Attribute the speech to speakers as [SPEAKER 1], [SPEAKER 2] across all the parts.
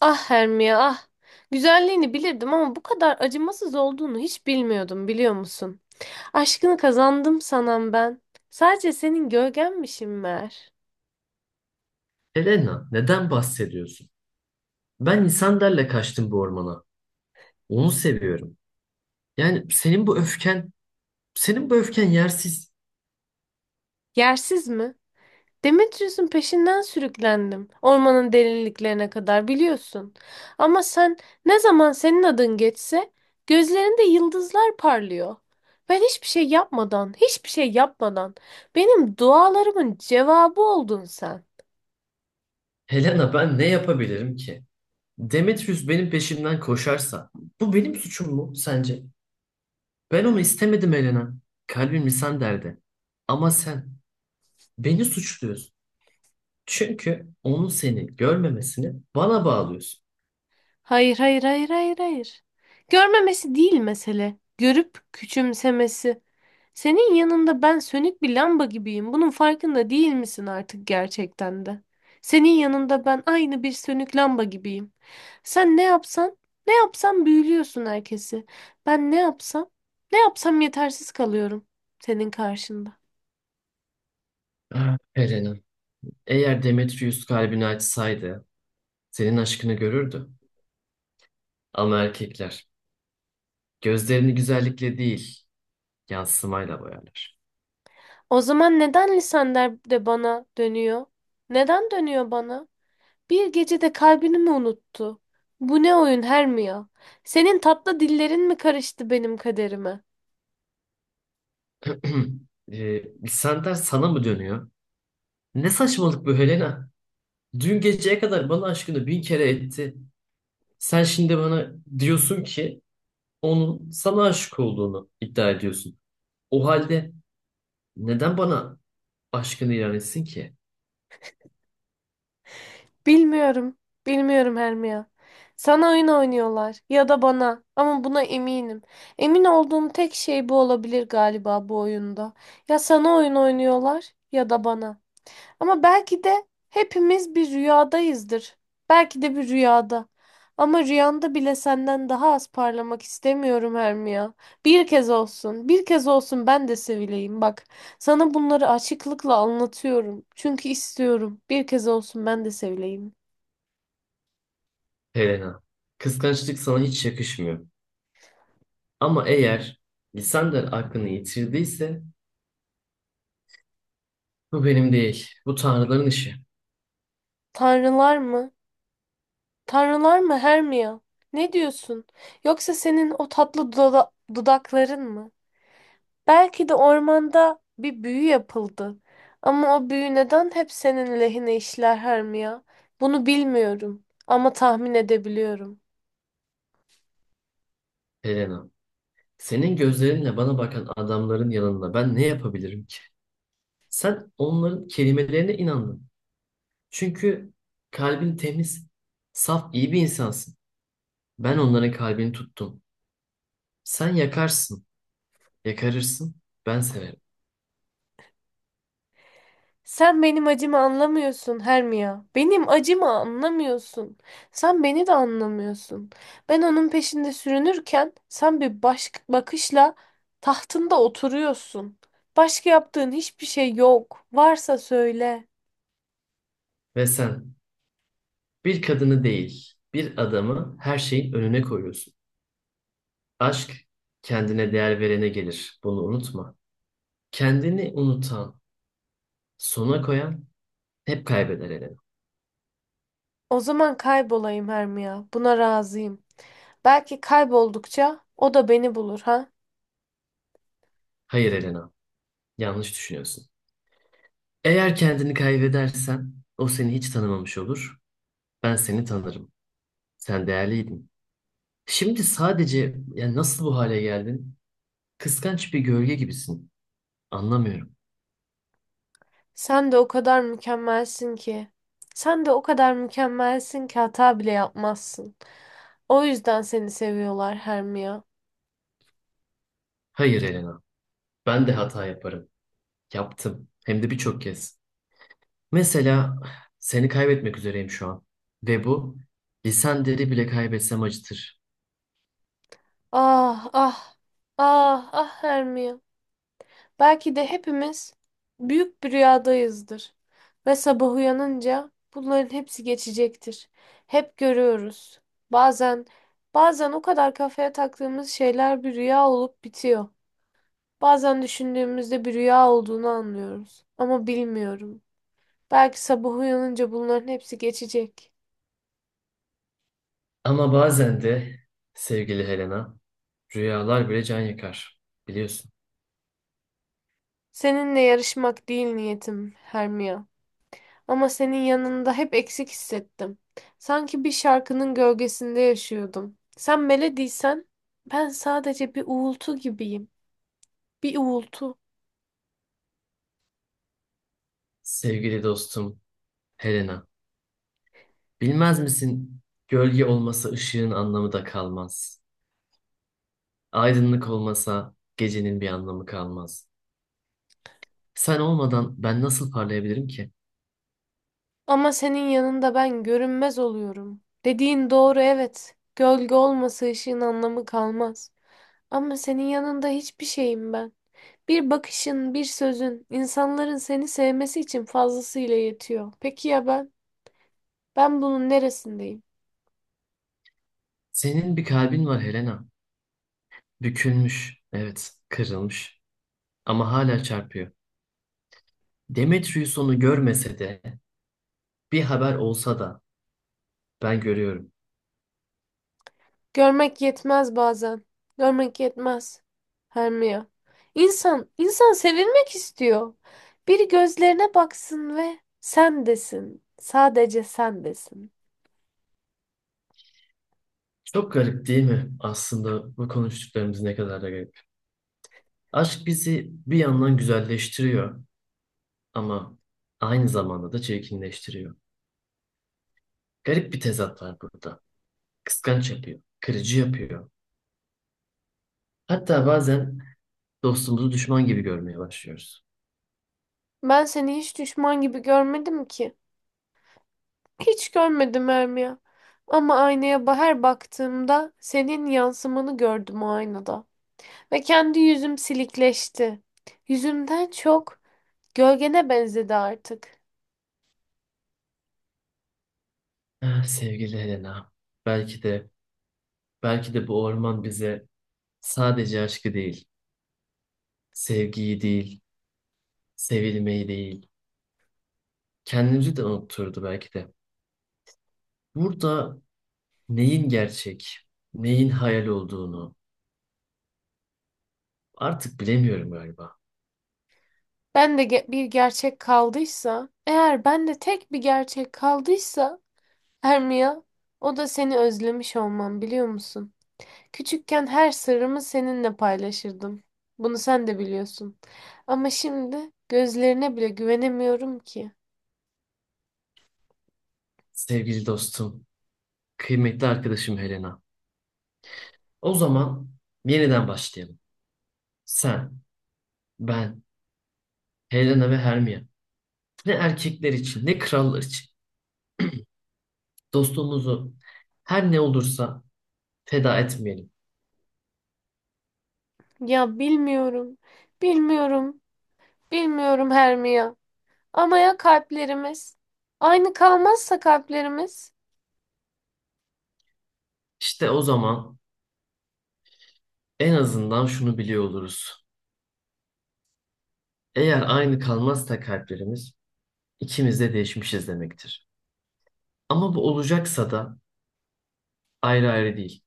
[SPEAKER 1] Ah, Hermia, ah. Güzelliğini bilirdim ama bu kadar acımasız olduğunu hiç bilmiyordum, biliyor musun? Aşkını kazandım sanan ben. Sadece senin gölgenmişim meğer.
[SPEAKER 2] Elena, neden bahsediyorsun? Ben İsander'le kaçtım bu ormana. Onu seviyorum. Yani senin bu öfken, senin bu öfken yersiz.
[SPEAKER 1] Yersiz mi? Demetrius'un peşinden sürüklendim. Ormanın derinliklerine kadar biliyorsun. Ama sen, ne zaman senin adın geçse gözlerinde yıldızlar parlıyor. Ben hiçbir şey yapmadan, hiçbir şey yapmadan benim dualarımın cevabı oldun sen.
[SPEAKER 2] Helena, ben ne yapabilirim ki? Demetrius benim peşimden koşarsa, bu benim suçum mu sence? Ben onu istemedim Helena. Kalbim İsander'de. Ama sen beni suçluyorsun. Çünkü onun seni görmemesini bana bağlıyorsun.
[SPEAKER 1] Hayır, hayır, hayır, hayır, hayır. Görmemesi değil mesele. Görüp küçümsemesi. Senin yanında ben sönük bir lamba gibiyim. Bunun farkında değil misin artık gerçekten de? Senin yanında ben aynı bir sönük lamba gibiyim. Sen ne yapsan, ne yapsan büyülüyorsun herkesi. Ben ne yapsam, ne yapsam yetersiz kalıyorum senin karşında.
[SPEAKER 2] Ah, Helena, eğer Demetrius kalbini açsaydı, senin aşkını görürdü. Ama erkekler gözlerini güzellikle değil, yansımayla boyarlar.
[SPEAKER 1] O zaman neden lisanlar de bana dönüyor? Neden dönüyor bana? Bir gecede kalbini mi unuttu? Bu ne oyun Hermia? Senin tatlı dillerin mi karıştı benim kaderime?
[SPEAKER 2] Lisanlar sana mı dönüyor? Ne saçmalık bu Helena? Dün geceye kadar bana aşkını bin kere etti. Sen şimdi bana diyorsun ki onun sana aşık olduğunu iddia ediyorsun. O halde neden bana aşkını ilan etsin ki
[SPEAKER 1] Bilmiyorum. Bilmiyorum Hermia. Sana oyun oynuyorlar ya da bana, ama buna eminim. Emin olduğum tek şey bu olabilir galiba bu oyunda. Ya sana oyun oynuyorlar ya da bana. Ama belki de hepimiz bir rüyadayızdır. Belki de bir rüyada. Ama rüyanda bile senden daha az parlamak istemiyorum Hermia, ya. Bir kez olsun, bir kez olsun ben de sevileyim. Bak, sana bunları açıklıkla anlatıyorum. Çünkü istiyorum. Bir kez olsun ben de sevileyim.
[SPEAKER 2] Helena? Kıskançlık sana hiç yakışmıyor. Ama eğer Lisander aklını yitirdiyse bu benim değil, bu tanrıların işi
[SPEAKER 1] Tanrılar mı? Tanrılar mı Hermia? Ne diyorsun? Yoksa senin o tatlı dudakların mı? Belki de ormanda bir büyü yapıldı. Ama o büyü neden hep senin lehine işler Hermia? Bunu bilmiyorum ama tahmin edebiliyorum.
[SPEAKER 2] Helena. Senin gözlerinle bana bakan adamların yanında ben ne yapabilirim ki? Sen onların kelimelerine inandın. Çünkü kalbin temiz, saf, iyi bir insansın. Ben onların kalbini tuttum. Sen yakarsın, yakarırsın, ben severim.
[SPEAKER 1] Sen benim acımı anlamıyorsun Hermia. Benim acımı anlamıyorsun. Sen beni de anlamıyorsun. Ben onun peşinde sürünürken sen bir baş bakışla tahtında oturuyorsun. Başka yaptığın hiçbir şey yok. Varsa söyle.
[SPEAKER 2] Ve sen bir kadını değil, bir adamı her şeyin önüne koyuyorsun. Aşk kendine değer verene gelir. Bunu unutma. Kendini unutan, sona koyan hep kaybeder Elena.
[SPEAKER 1] O zaman kaybolayım Hermia. Buna razıyım. Belki kayboldukça o da beni bulur, ha?
[SPEAKER 2] Hayır Elena, yanlış düşünüyorsun. Eğer kendini kaybedersen o seni hiç tanımamış olur. Ben seni tanırım. Sen değerliydin. Şimdi sadece yani nasıl bu hale geldin? Kıskanç bir gölge gibisin. Anlamıyorum.
[SPEAKER 1] Sen de o kadar mükemmelsin ki. Sen de o kadar mükemmelsin ki hata bile yapmazsın. O yüzden seni seviyorlar Hermia.
[SPEAKER 2] Hayır Elena. Ben de hata yaparım. Yaptım. Hem de birçok kez. Mesela seni kaybetmek üzereyim şu an. Ve bu lisan deri bile kaybetsem acıtır.
[SPEAKER 1] Ah, ah. Ah, ah Hermia. Belki de hepimiz büyük bir rüyadayızdır ve sabah uyanınca bunların hepsi geçecektir. Hep görüyoruz. Bazen bazen o kadar kafaya taktığımız şeyler bir rüya olup bitiyor. Bazen düşündüğümüzde bir rüya olduğunu anlıyoruz. Ama bilmiyorum. Belki sabah uyanınca bunların hepsi geçecek.
[SPEAKER 2] Ama bazen de sevgili Helena, rüyalar bile can yakar. Biliyorsun.
[SPEAKER 1] Seninle yarışmak değil niyetim, Hermia. Ama senin yanında hep eksik hissettim. Sanki bir şarkının gölgesinde yaşıyordum. Sen melodiysen ben sadece bir uğultu gibiyim. Bir uğultu.
[SPEAKER 2] Sevgili dostum Helena. Bilmez misin? Gölge olmasa ışığın anlamı da kalmaz. Aydınlık olmasa gecenin bir anlamı kalmaz. Sen olmadan ben nasıl parlayabilirim ki?
[SPEAKER 1] Ama senin yanında ben görünmez oluyorum. Dediğin doğru, evet. Gölge olmasa ışığın anlamı kalmaz. Ama senin yanında hiçbir şeyim ben. Bir bakışın, bir sözün, insanların seni sevmesi için fazlasıyla yetiyor. Peki ya ben? Ben bunun neresindeyim?
[SPEAKER 2] Senin bir kalbin var Helena. Bükülmüş, evet, kırılmış ama hala çarpıyor. Demetrius onu görmese de, bir haber olsa da ben görüyorum.
[SPEAKER 1] Görmek yetmez bazen. Görmek yetmez. Hermia. İnsan, insan sevilmek istiyor. Biri gözlerine baksın ve sen desin. Sadece sen desin.
[SPEAKER 2] Çok garip değil mi? Aslında bu konuştuklarımız ne kadar da garip. Aşk bizi bir yandan güzelleştiriyor ama aynı zamanda da çirkinleştiriyor. Garip bir tezat var burada. Kıskanç yapıyor, kırıcı yapıyor. Hatta bazen dostumuzu düşman gibi görmeye başlıyoruz.
[SPEAKER 1] Ben seni hiç düşman gibi görmedim ki. Hiç görmedim Hermia. Ama aynaya her baktığımda senin yansımanı gördüm o aynada. Ve kendi yüzüm silikleşti. Yüzümden çok gölgene benzedi artık.
[SPEAKER 2] Ah, sevgili Helena, belki de bu orman bize sadece aşkı değil, sevgiyi değil, sevilmeyi değil, kendimizi de unutturdu belki de. Burada neyin gerçek, neyin hayal olduğunu artık bilemiyorum galiba.
[SPEAKER 1] Bir gerçek kaldıysa, eğer ben de tek bir gerçek kaldıysa Hermia, o da seni özlemiş olmam, biliyor musun? Küçükken her sırrımı seninle paylaşırdım. Bunu sen de biliyorsun. Ama şimdi gözlerine bile güvenemiyorum ki.
[SPEAKER 2] Sevgili dostum, kıymetli arkadaşım Helena. O zaman yeniden başlayalım. Sen, ben, Helena ve Hermione. Ne erkekler için, ne krallar için. Dostluğumuzu her ne olursa feda etmeyelim.
[SPEAKER 1] Ya bilmiyorum, bilmiyorum, bilmiyorum Hermia. Ama ya kalplerimiz? Aynı kalmazsa kalplerimiz?
[SPEAKER 2] İşte o zaman en azından şunu biliyor oluruz. Eğer aynı kalmazsa kalplerimiz, ikimiz de değişmişiz demektir. Ama bu olacaksa da ayrı ayrı değil,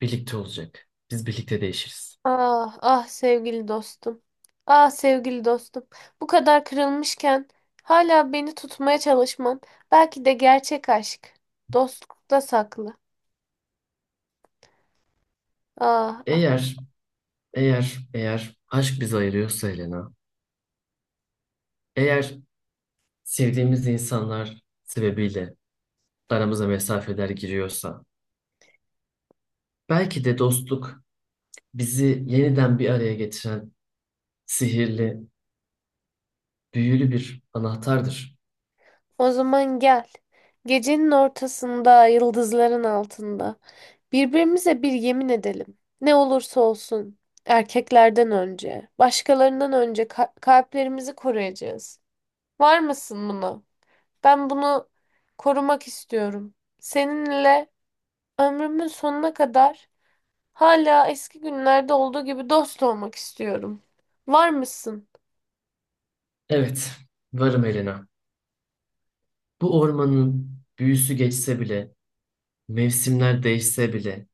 [SPEAKER 2] birlikte olacak. Biz birlikte değişiriz.
[SPEAKER 1] Ah, ah sevgili dostum. Ah sevgili dostum. Bu kadar kırılmışken hala beni tutmaya çalışman belki de gerçek aşk. Dostlukta saklı. Ah, ah.
[SPEAKER 2] Eğer, eğer aşk bizi ayırıyorsa Helena, eğer sevdiğimiz insanlar sebebiyle aramıza mesafeler giriyorsa, belki de dostluk bizi yeniden bir araya getiren sihirli, büyülü bir anahtardır.
[SPEAKER 1] O zaman gel. Gecenin ortasında, yıldızların altında. Birbirimize bir yemin edelim. Ne olursa olsun. Erkeklerden önce, başkalarından önce kalplerimizi koruyacağız. Var mısın buna? Ben bunu korumak istiyorum. Seninle ömrümün sonuna kadar hala eski günlerde olduğu gibi dost olmak istiyorum. Var mısın
[SPEAKER 2] Evet, varım Elena. Bu ormanın büyüsü geçse bile, mevsimler değişse bile,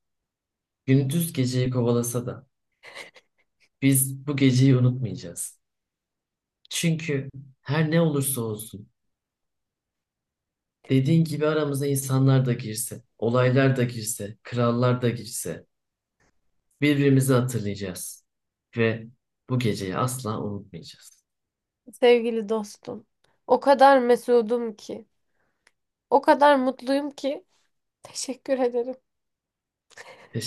[SPEAKER 2] gündüz geceyi kovalasa da biz bu geceyi unutmayacağız. Çünkü her ne olursa olsun, dediğin gibi aramıza insanlar da girse, olaylar da girse, krallar da girse birbirimizi hatırlayacağız ve bu geceyi asla unutmayacağız.
[SPEAKER 1] sevgili dostum? O kadar mesudum ki, o kadar mutluyum ki. Teşekkür ederim.
[SPEAKER 2] Teşekkür